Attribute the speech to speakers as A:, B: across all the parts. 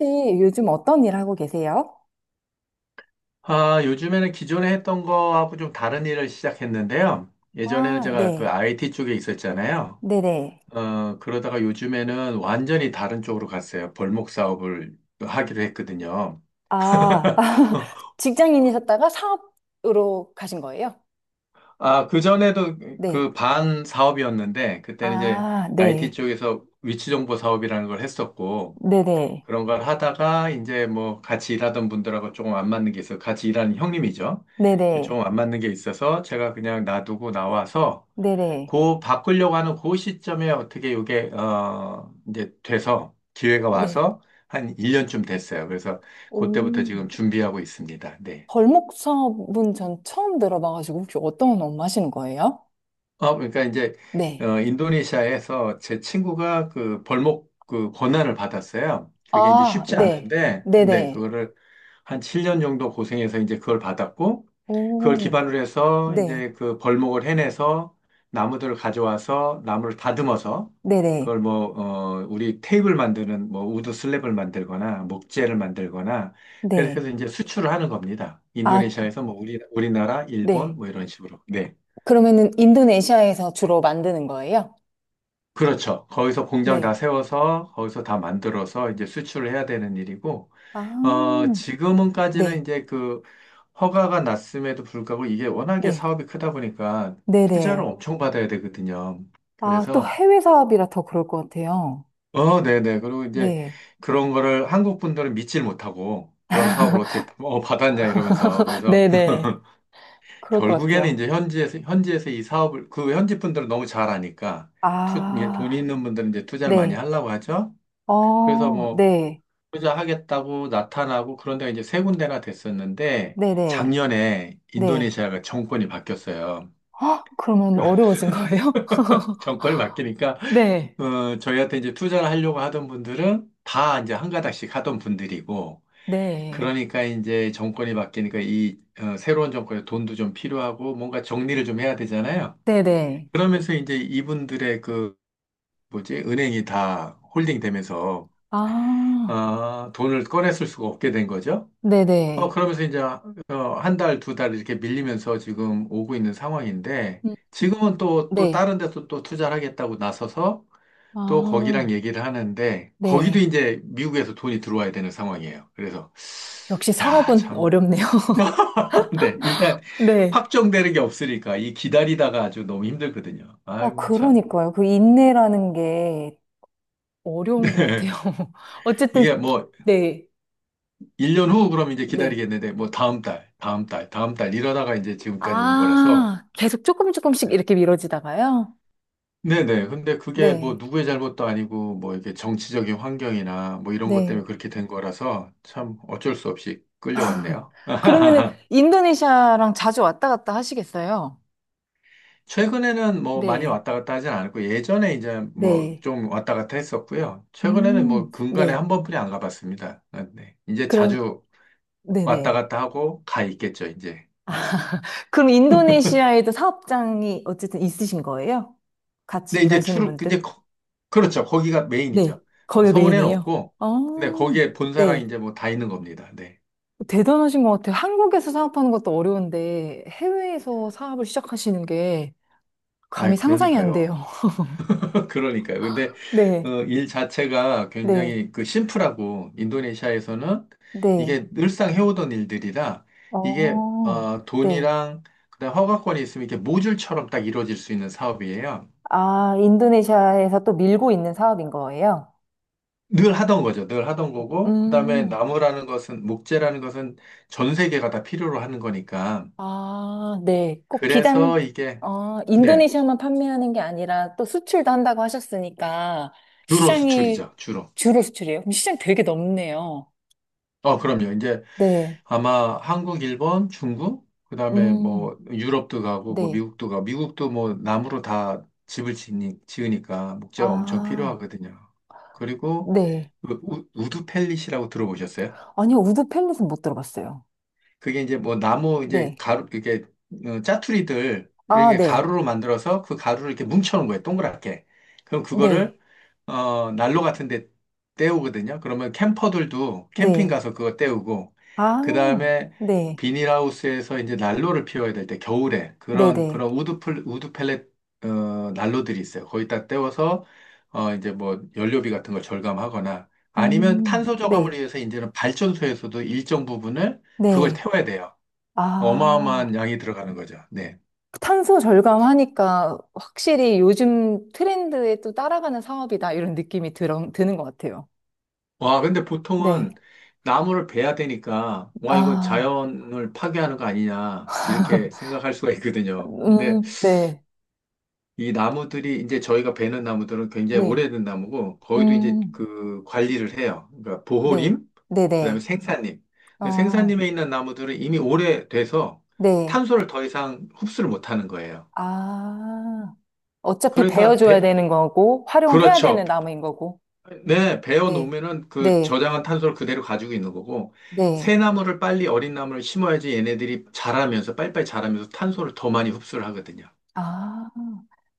A: 혹시 요즘 어떤 일 하고 계세요?
B: 아, 요즘에는 기존에 했던 거하고 좀 다른 일을 시작했는데요. 예전에는
A: 아,
B: 제가 그
A: 네.
B: IT 쪽에 있었잖아요.
A: 네네.
B: 그러다가 요즘에는 완전히 다른 쪽으로 갔어요. 벌목 사업을 하기로 했거든요.
A: 아, 직장인이셨다가 사업으로 가신 거예요?
B: 아, 그전에도
A: 네.
B: 그 반 사업이었는데, 그때는 이제
A: 아,
B: IT
A: 네.
B: 쪽에서 위치정보 사업이라는 걸 했었고,
A: 네네.
B: 그런 걸 하다가 이제 뭐 같이 일하던 분들하고 조금 안 맞는 게 있어요. 같이 일하는 형님이죠.
A: 네네.
B: 조금 안 맞는 게 있어서 제가 그냥 놔두고 나와서
A: 네네.
B: 그 바꾸려고 하는 그 시점에 어떻게 이게 이제 돼서 기회가
A: 네.
B: 와서 한 1년쯤 됐어요. 그래서 그때부터
A: 오.
B: 지금 준비하고 있습니다. 네.
A: 벌목 사업은 전 처음 들어봐가지고 혹시 어떤 업무 하시는 거예요?
B: 아, 그러니까 이제
A: 네.
B: 인도네시아에서 제 친구가 그 벌목 그 권한을 받았어요. 그게 이제
A: 아,
B: 쉽지
A: 네.
B: 않은데, 근데
A: 네네.
B: 그거를 한 7년 정도 고생해서 이제 그걸 받았고, 그걸
A: 오.
B: 기반으로 해서
A: 네.
B: 이제 그 벌목을 해내서 나무들을 가져와서 나무를 다듬어서
A: 네네.
B: 그걸 뭐, 우리 테이블 만드는 뭐 우드 슬랩을 만들거나 목재를 만들거나 그렇게
A: 네.
B: 해서 이제 수출을 하는 겁니다.
A: 아,
B: 인도네시아에서 뭐 우리나라, 일본
A: 네.
B: 뭐 이런 식으로. 네.
A: 그러면은 인도네시아에서 주로 만드는 거예요?
B: 그렇죠. 거기서 공장 다
A: 네.
B: 세워서 거기서 다 만들어서 이제 수출을 해야 되는 일이고,
A: 아,
B: 어, 지금은까지는
A: 네.
B: 이제 그 허가가 났음에도 불구하고 이게 워낙에
A: 네.
B: 사업이 크다 보니까 투자를
A: 네네.
B: 엄청 받아야 되거든요.
A: 아, 또
B: 그래서,
A: 해외 사업이라 더 그럴 것 같아요.
B: 어, 네네. 그리고 이제
A: 네.
B: 그런 거를 한국 분들은 믿질 못하고 그런 사업을 어떻게 어, 받았냐 이러면서 그래서
A: 네네. 그럴 것
B: 결국에는
A: 같아요.
B: 이제 현지에서 이 사업을 그 현지 분들은 너무 잘 아니까 투, 이게 돈
A: 아,
B: 있는 분들은 이제 투자를 많이
A: 네.
B: 하려고 하죠. 그래서
A: 어,
B: 뭐
A: 네.
B: 투자하겠다고 나타나고 그런 데가 이제 세 군데나 됐었는데
A: 네네.
B: 작년에
A: 네.
B: 인도네시아가 정권이 바뀌었어요.
A: 헉, 그러면 어려워진 거예요?
B: 정권이 바뀌니까
A: 네.
B: 저희한테 이제 투자를 하려고 하던 분들은 다 이제 한 가닥씩 하던 분들이고,
A: 네.
B: 그러니까 이제 정권이 바뀌니까 이 새로운 정권에 돈도 좀 필요하고 뭔가 정리를 좀 해야 되잖아요.
A: 네네.
B: 그러면서 이제 이분들의 그 뭐지 은행이 다 홀딩 되면서
A: 아,
B: 아, 돈을 꺼냈을 수가 없게 된 거죠.
A: 네네.
B: 그러면서 이제 한 달, 두 달 이렇게 밀리면서 지금 오고 있는 상황인데,
A: 음,
B: 지금은 또, 또
A: 네.
B: 다른 데서 또 투자를 하겠다고 나서서 또
A: 아,
B: 거기랑 얘기를 하는데, 거기도
A: 네.
B: 이제 미국에서 돈이 들어와야 되는 상황이에요. 그래서,
A: 역시
B: 야,
A: 사업은
B: 참.
A: 어렵네요.
B: 근데 일단
A: 네.
B: 확정되는 게 없으니까 이 기다리다가 아주 너무 힘들거든요.
A: 아,
B: 아이고, 참.
A: 그러니까요. 그 인내라는 게 어려운 것 같아요.
B: 이게
A: 어쨌든,
B: 뭐,
A: 네,
B: 1년 후 그럼 이제
A: 네.
B: 기다리겠는데, 뭐 다음 달 이러다가 이제 지금까지 온 거라서, 네.
A: 아, 계속 조금 조금씩 이렇게 미뤄지다가요?
B: 네네. 근데 그게 뭐
A: 네,
B: 누구의 잘못도 아니고 뭐 이렇게 정치적인 환경이나 뭐 이런 것
A: 네.
B: 때문에 그렇게 된 거라서 참 어쩔 수 없이 끌려왔네요.
A: 그러면은 인도네시아랑 자주 왔다 갔다 하시겠어요?
B: 최근에는 뭐 많이
A: 네,
B: 왔다 갔다 하진 않았고 예전에 이제 뭐
A: 네.
B: 좀 왔다 갔다 했었고요. 최근에는 뭐 근간에
A: 네.
B: 한 번뿐이 안 가봤습니다. 아, 네. 이제
A: 그럼,
B: 자주 왔다
A: 네네.
B: 갔다 하고 가 있겠죠, 이제. 네.
A: 그럼 인도네시아에도 사업장이 어쨌든 있으신 거예요? 같이
B: 근데 이제
A: 일하시는 분들?
B: 그렇죠. 거기가
A: 네.
B: 메인이죠. 어,
A: 거기
B: 서울에는
A: 메인이에요.
B: 없고,
A: 어,
B: 네, 거기에 본사랑
A: 네.
B: 이제 뭐 다 있는 겁니다. 네.
A: 대단하신 것 같아요. 한국에서 사업하는 것도 어려운데 해외에서 사업을 시작하시는 게
B: 아이,
A: 감히 상상이 안
B: 그러니까요.
A: 돼요.
B: 그러니까요. 근데
A: 네,
B: 일 자체가
A: 네,
B: 굉장히 그 심플하고 인도네시아에서는
A: 네.
B: 이게 늘상 해오던 일들이라 이게
A: 어, 네.
B: 돈이랑 그다음 허가권이 있으면 이렇게 모듈처럼 딱 이루어질 수 있는 사업이에요.
A: 아, 인도네시아에서 또 밀고 있는 사업인 거예요?
B: 늘 하던 거죠. 늘 하던 거고 그다음에
A: 음,
B: 나무라는 것은 목재라는 것은 전 세계가 다 필요로 하는 거니까
A: 아, 네. 꼭
B: 그래서
A: 비단,
B: 이게
A: 어,
B: 네
A: 인도네시아만 판매하는 게 아니라 또 수출도 한다고 하셨으니까
B: 주로
A: 시장이
B: 수출이죠. 주로.
A: 주로 수출이에요? 그럼 시장 되게 넓네요.
B: 어, 그럼요. 이제
A: 네,
B: 아마 한국, 일본, 중국, 그다음에
A: 음,
B: 뭐 유럽도 가고 뭐
A: 네.
B: 미국도 가고 미국도 뭐 나무로 다 집을 지으니까 목재가 엄청
A: 아.
B: 필요하거든요. 그리고
A: 네.
B: 그 우드 펠릿이라고 들어보셨어요?
A: 아니요, 우드 팰릿은 못 들어봤어요.
B: 그게 이제 뭐 나무 이제
A: 네.
B: 가루 이렇게 짜투리들
A: 아,
B: 이렇게
A: 네.
B: 가루로 만들어서 그 가루를 이렇게 뭉쳐놓은 거예요. 동그랗게. 그럼 그거를
A: 네.
B: 난로 같은 데 때우거든요. 그러면 캠퍼들도 캠핑
A: 네.
B: 가서 그거 때우고
A: 아,
B: 그다음에
A: 네.
B: 비닐하우스에서 이제 난로를 피워야 될 때 겨울에
A: 네네.
B: 그런 우드 펠렛 난로들이 있어요. 거기다 때워서 이제 뭐 연료비 같은 걸 절감하거나 아니면 탄소 저감을
A: 네.
B: 위해서 이제는 발전소에서도 일정 부분을 그걸
A: 네.
B: 태워야 돼요.
A: 아,
B: 어마어마한 양이 들어가는 거죠. 네.
A: 탄소 절감하니까 확실히 요즘 트렌드에 또 따라가는 사업이다, 이런 느낌이 드는 것 같아요.
B: 와, 근데 보통은
A: 네.
B: 나무를 베야 되니까, 와, 이거
A: 아,
B: 자연을 파괴하는 거 아니냐, 이렇게 생각할 수가 있거든요. 근데
A: 네.
B: 이제 저희가 베는 나무들은 굉장히
A: 네.
B: 오래된 나무고, 거기도 이제
A: 음,
B: 그 관리를 해요. 그러니까
A: 네.
B: 보호림, 그다음에
A: 네네.
B: 생산림. 근데
A: 어,
B: 생산림에 있는 나무들은 이미 오래돼서
A: 네.
B: 탄소를 더 이상 흡수를 못하는 거예요.
A: 아. 어차피
B: 그러니까
A: 베어줘야
B: 배,
A: 되는 거고, 활용을 해야
B: 그렇죠.
A: 되는 나무인 거고.
B: 네, 베어
A: 네,
B: 놓으면은 그
A: 네,
B: 저장한 탄소를 그대로 가지고 있는 거고,
A: 네.
B: 새 나무를 빨리 어린 나무를 심어야지 얘네들이 자라면서, 빨리빨리 자라면서 탄소를 더 많이 흡수를 하거든요.
A: 아,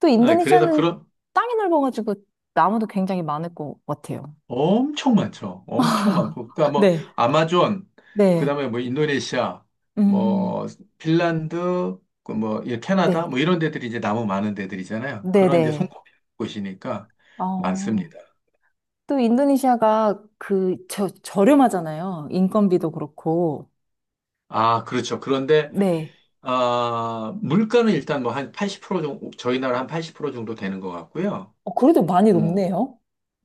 A: 또
B: 네, 그래서
A: 인도네시아는
B: 그런,
A: 땅이 넓어가지고 나무도 굉장히 많을 것 같아요.
B: 엄청 많죠. 엄청 많고. 그러니까 뭐,
A: 네,
B: 아마존, 그
A: 네,
B: 다음에 뭐, 인도네시아,
A: 음,
B: 뭐, 핀란드, 그 뭐, 이 캐나다,
A: 네,
B: 뭐, 이런 데들이 이제 나무 많은 데들이잖아요.
A: 네,
B: 그런 이제
A: 네.
B: 손꼽히는 곳이니까
A: 어,
B: 많습니다.
A: 또 인도네시아가 그, 저, 저렴하잖아요. 인건비도 그렇고.
B: 아, 그렇죠. 그런데
A: 네,
B: 아, 물가는 일단 뭐 한 80% 정도, 저희 나라 한 80% 정도 되는 것 같고요.
A: 어, 그래도 많이
B: 어,
A: 높네요.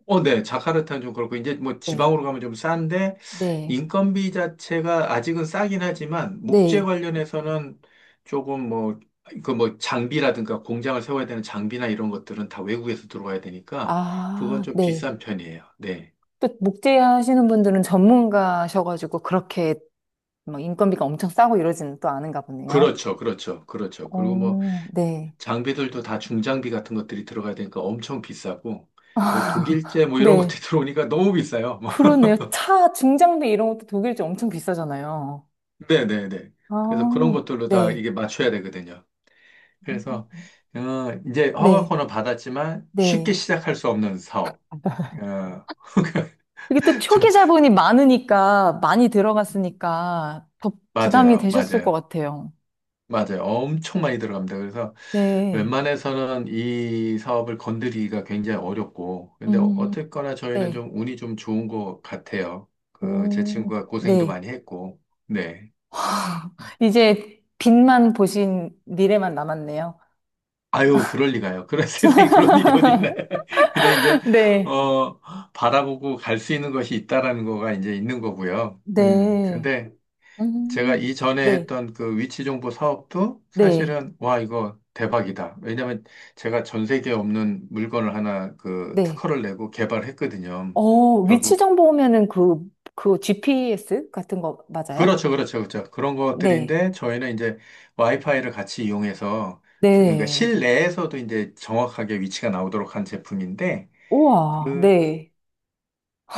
B: 네. 자카르타는 좀 그렇고, 이제 뭐
A: 네,
B: 지방으로 가면 좀 싼데,
A: 네,
B: 인건비 자체가 아직은 싸긴 하지만, 목재
A: 네,
B: 관련해서는 조금 뭐, 그 뭐 장비라든가 공장을 세워야 되는 장비나 이런 것들은 다 외국에서 들어와야 되니까, 그건
A: 아,
B: 좀
A: 네.
B: 비싼 편이에요. 네.
A: 또 목재 하시는 분들은 전문가셔가지고 그렇게 막 인건비가 엄청 싸고 이러지는 또 않은가 보네요.
B: 그렇죠. 그리고 뭐
A: 오 네.
B: 장비들도 다 중장비 같은 것들이 들어가야 되니까 엄청 비싸고, 뭐 독일제 뭐 이런
A: 네.
B: 것들이 들어오니까 너무 비싸요. 뭐.
A: 그러네요. 차 중장비 이런 것도 독일제 엄청 비싸잖아요.
B: 네네네. 그래서 그런
A: 아,
B: 것들로 다
A: 네.
B: 이게 맞춰야 되거든요. 그래서, 어, 이제
A: 네.
B: 허가권을 받았지만
A: 네.
B: 쉽게 시작할 수 없는 사업. 어,
A: 이게 또 초기
B: 저,
A: 자본이 많으니까, 많이 들어갔으니까 더 부담이
B: 맞아요.
A: 되셨을 것
B: 맞아요.
A: 같아요.
B: 맞아요. 엄청 많이 들어갑니다. 그래서
A: 네.
B: 웬만해서는 이 사업을 건드리기가 굉장히 어렵고, 근데 어-
A: 음,
B: 어쨌거나 저희는
A: 네.
B: 좀 운이 좀 좋은 것 같아요. 그, 제
A: 오,
B: 친구가 고생도
A: 네.
B: 많이 했고, 네.
A: 이제 빛만 보신 미래만 남았네요.
B: 아유, 그럴 리가요. 그런 세상에 그런 일이 어디 있나요? 그냥 이제,
A: 네.
B: 어, 바라보고 갈 수 있는 것이 있다라는 거가 이제 있는 거고요.
A: 네.
B: 근데 제가
A: 음,
B: 이전에
A: 네.
B: 했던 그 위치 정보 사업도
A: 네.
B: 사실은 와 이거 대박이다. 왜냐면 제가 전 세계에 없는 물건을 하나 그
A: 네.
B: 특허를 내고 개발했거든요.
A: 어, 위치
B: 결국
A: 정보 오면은 그, 그 GPS 같은 거 맞아요?
B: 그렇죠. 그런
A: 네.
B: 것들인데 저희는 이제 와이파이를 같이 이용해서 그러니까
A: 네.
B: 실내에서도 이제 정확하게 위치가 나오도록 한 제품인데
A: 우와.
B: 그
A: 네.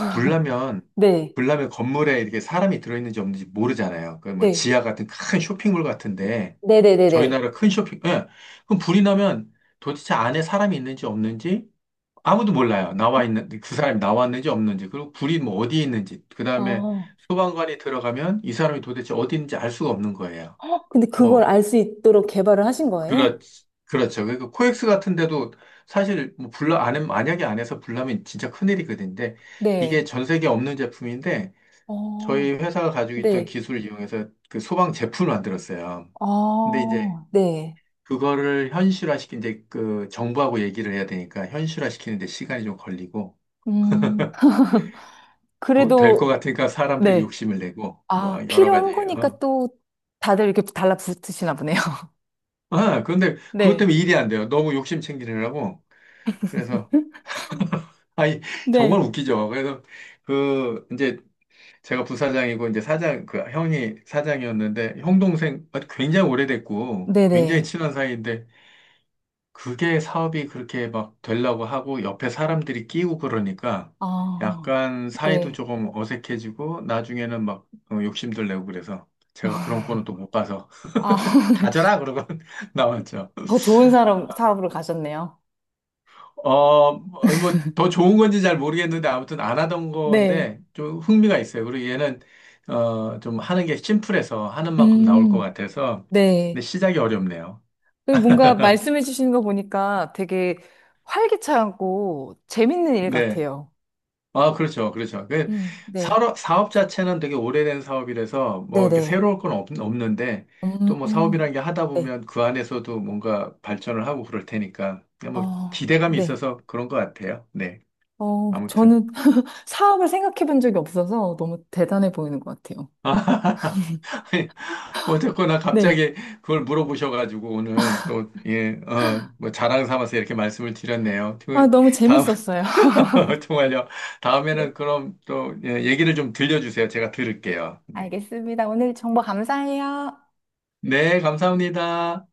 B: 불나면
A: 네.
B: 불나면 건물에 이렇게 사람이 들어있는지 없는지 모르잖아요. 그 뭐
A: 네.
B: 지하 같은 큰 쇼핑몰 같은데 저희
A: 네네네네.
B: 나라 큰 쇼핑, 예. 그럼 불이 나면 도대체 안에 사람이 있는지 없는지 아무도 몰라요. 나와 있는 그 사람이 나왔는지 없는지 그리고 불이 뭐 어디에 있는지 그 다음에
A: 어.
B: 소방관이 들어가면 이 사람이 도대체 어디 있는지 알 수가 없는 거예요.
A: 근데 그걸
B: 뭐
A: 알 수 있도록 개발을 하신 거예요?
B: 그렇 그렇죠. 그러니까 코엑스 같은 데도 사실 뭐 불나 안에 만약에 안에서 불나면 진짜 큰일이거든요. 근데 이게
A: 네.
B: 전 세계 없는 제품인데 저희
A: 어.
B: 회사가 가지고 있던
A: 네.
B: 기술을 이용해서 그 소방 제품을 만들었어요. 근데 이제
A: 아 네.
B: 그거를 현실화시킨 이제 그 정부하고 얘기를 해야 되니까 현실화시키는데 시간이 좀 걸리고
A: 음.
B: 될 것
A: 그래도,
B: 같으니까 사람들이
A: 네.
B: 욕심을 내고
A: 아,
B: 뭐 여러
A: 필요한
B: 가지.
A: 거니까
B: 어.
A: 또 다들 이렇게 달라붙으시나 보네요.
B: 아, 근데 그것
A: 네.
B: 때문에 일이 안 돼요. 너무 욕심 챙기느라고. 그래서 아니 정말
A: 네.
B: 웃기죠. 그래서 그 이제 제가 부사장이고 이제 사장 그 형이 사장이었는데 형 동생 아, 굉장히 오래됐고 굉장히
A: 네네.
B: 친한 사이인데 그게 사업이 그렇게 막 되려고 하고 옆에 사람들이 끼고 그러니까
A: 아,
B: 약간 사이도
A: 네.
B: 조금 어색해지고 나중에는 막 욕심들 내고 그래서 제가 그런 거는 또 못 봐서
A: 아,
B: 가져라 그러고 나왔죠.
A: 더 좋은 사람, 사업으로 가셨네요.
B: 어, 뭐 더 좋은 건지 잘 모르겠는데 아무튼 안 하던
A: 네.
B: 건데 좀 흥미가 있어요. 그리고 얘는 어, 좀 하는 게 심플해서 하는 만큼 나올 것
A: 음,
B: 같아서
A: 네.
B: 근데 시작이 어렵네요.
A: 그 뭔가 말씀해 주시는 거 보니까 되게 활기차고 재밌는 일
B: 네.
A: 같아요.
B: 아, 그렇죠. 그렇죠. 그
A: 네.
B: 사업 자체는 되게 오래된 사업이라서 뭐 이렇게
A: 네네.
B: 새로울 없는데 또 뭐
A: 음,
B: 사업이라는 게 하다
A: 네.
B: 보면 그 안에서도 뭔가 발전을 하고 그럴 테니까 그냥 뭐
A: 어,
B: 기대감이
A: 네.
B: 있어서 그런 것 같아요. 네.
A: 어,
B: 아무튼.
A: 저는 사업을 생각해 본 적이 없어서 너무 대단해 보이는 것 같아요.
B: 어쨌거나
A: 네.
B: 갑자기 그걸 물어보셔가지고 오늘 또, 예, 어, 뭐 자랑 삼아서 이렇게 말씀을 드렸네요.
A: 아,
B: 그
A: 너무
B: 다음,
A: 재밌었어요.
B: 정말요.
A: 네.
B: 다음에는 그럼 또 예, 얘기를 좀 들려주세요. 제가 들을게요. 네.
A: 알겠습니다. 오늘 정보 감사해요.
B: 네, 감사합니다.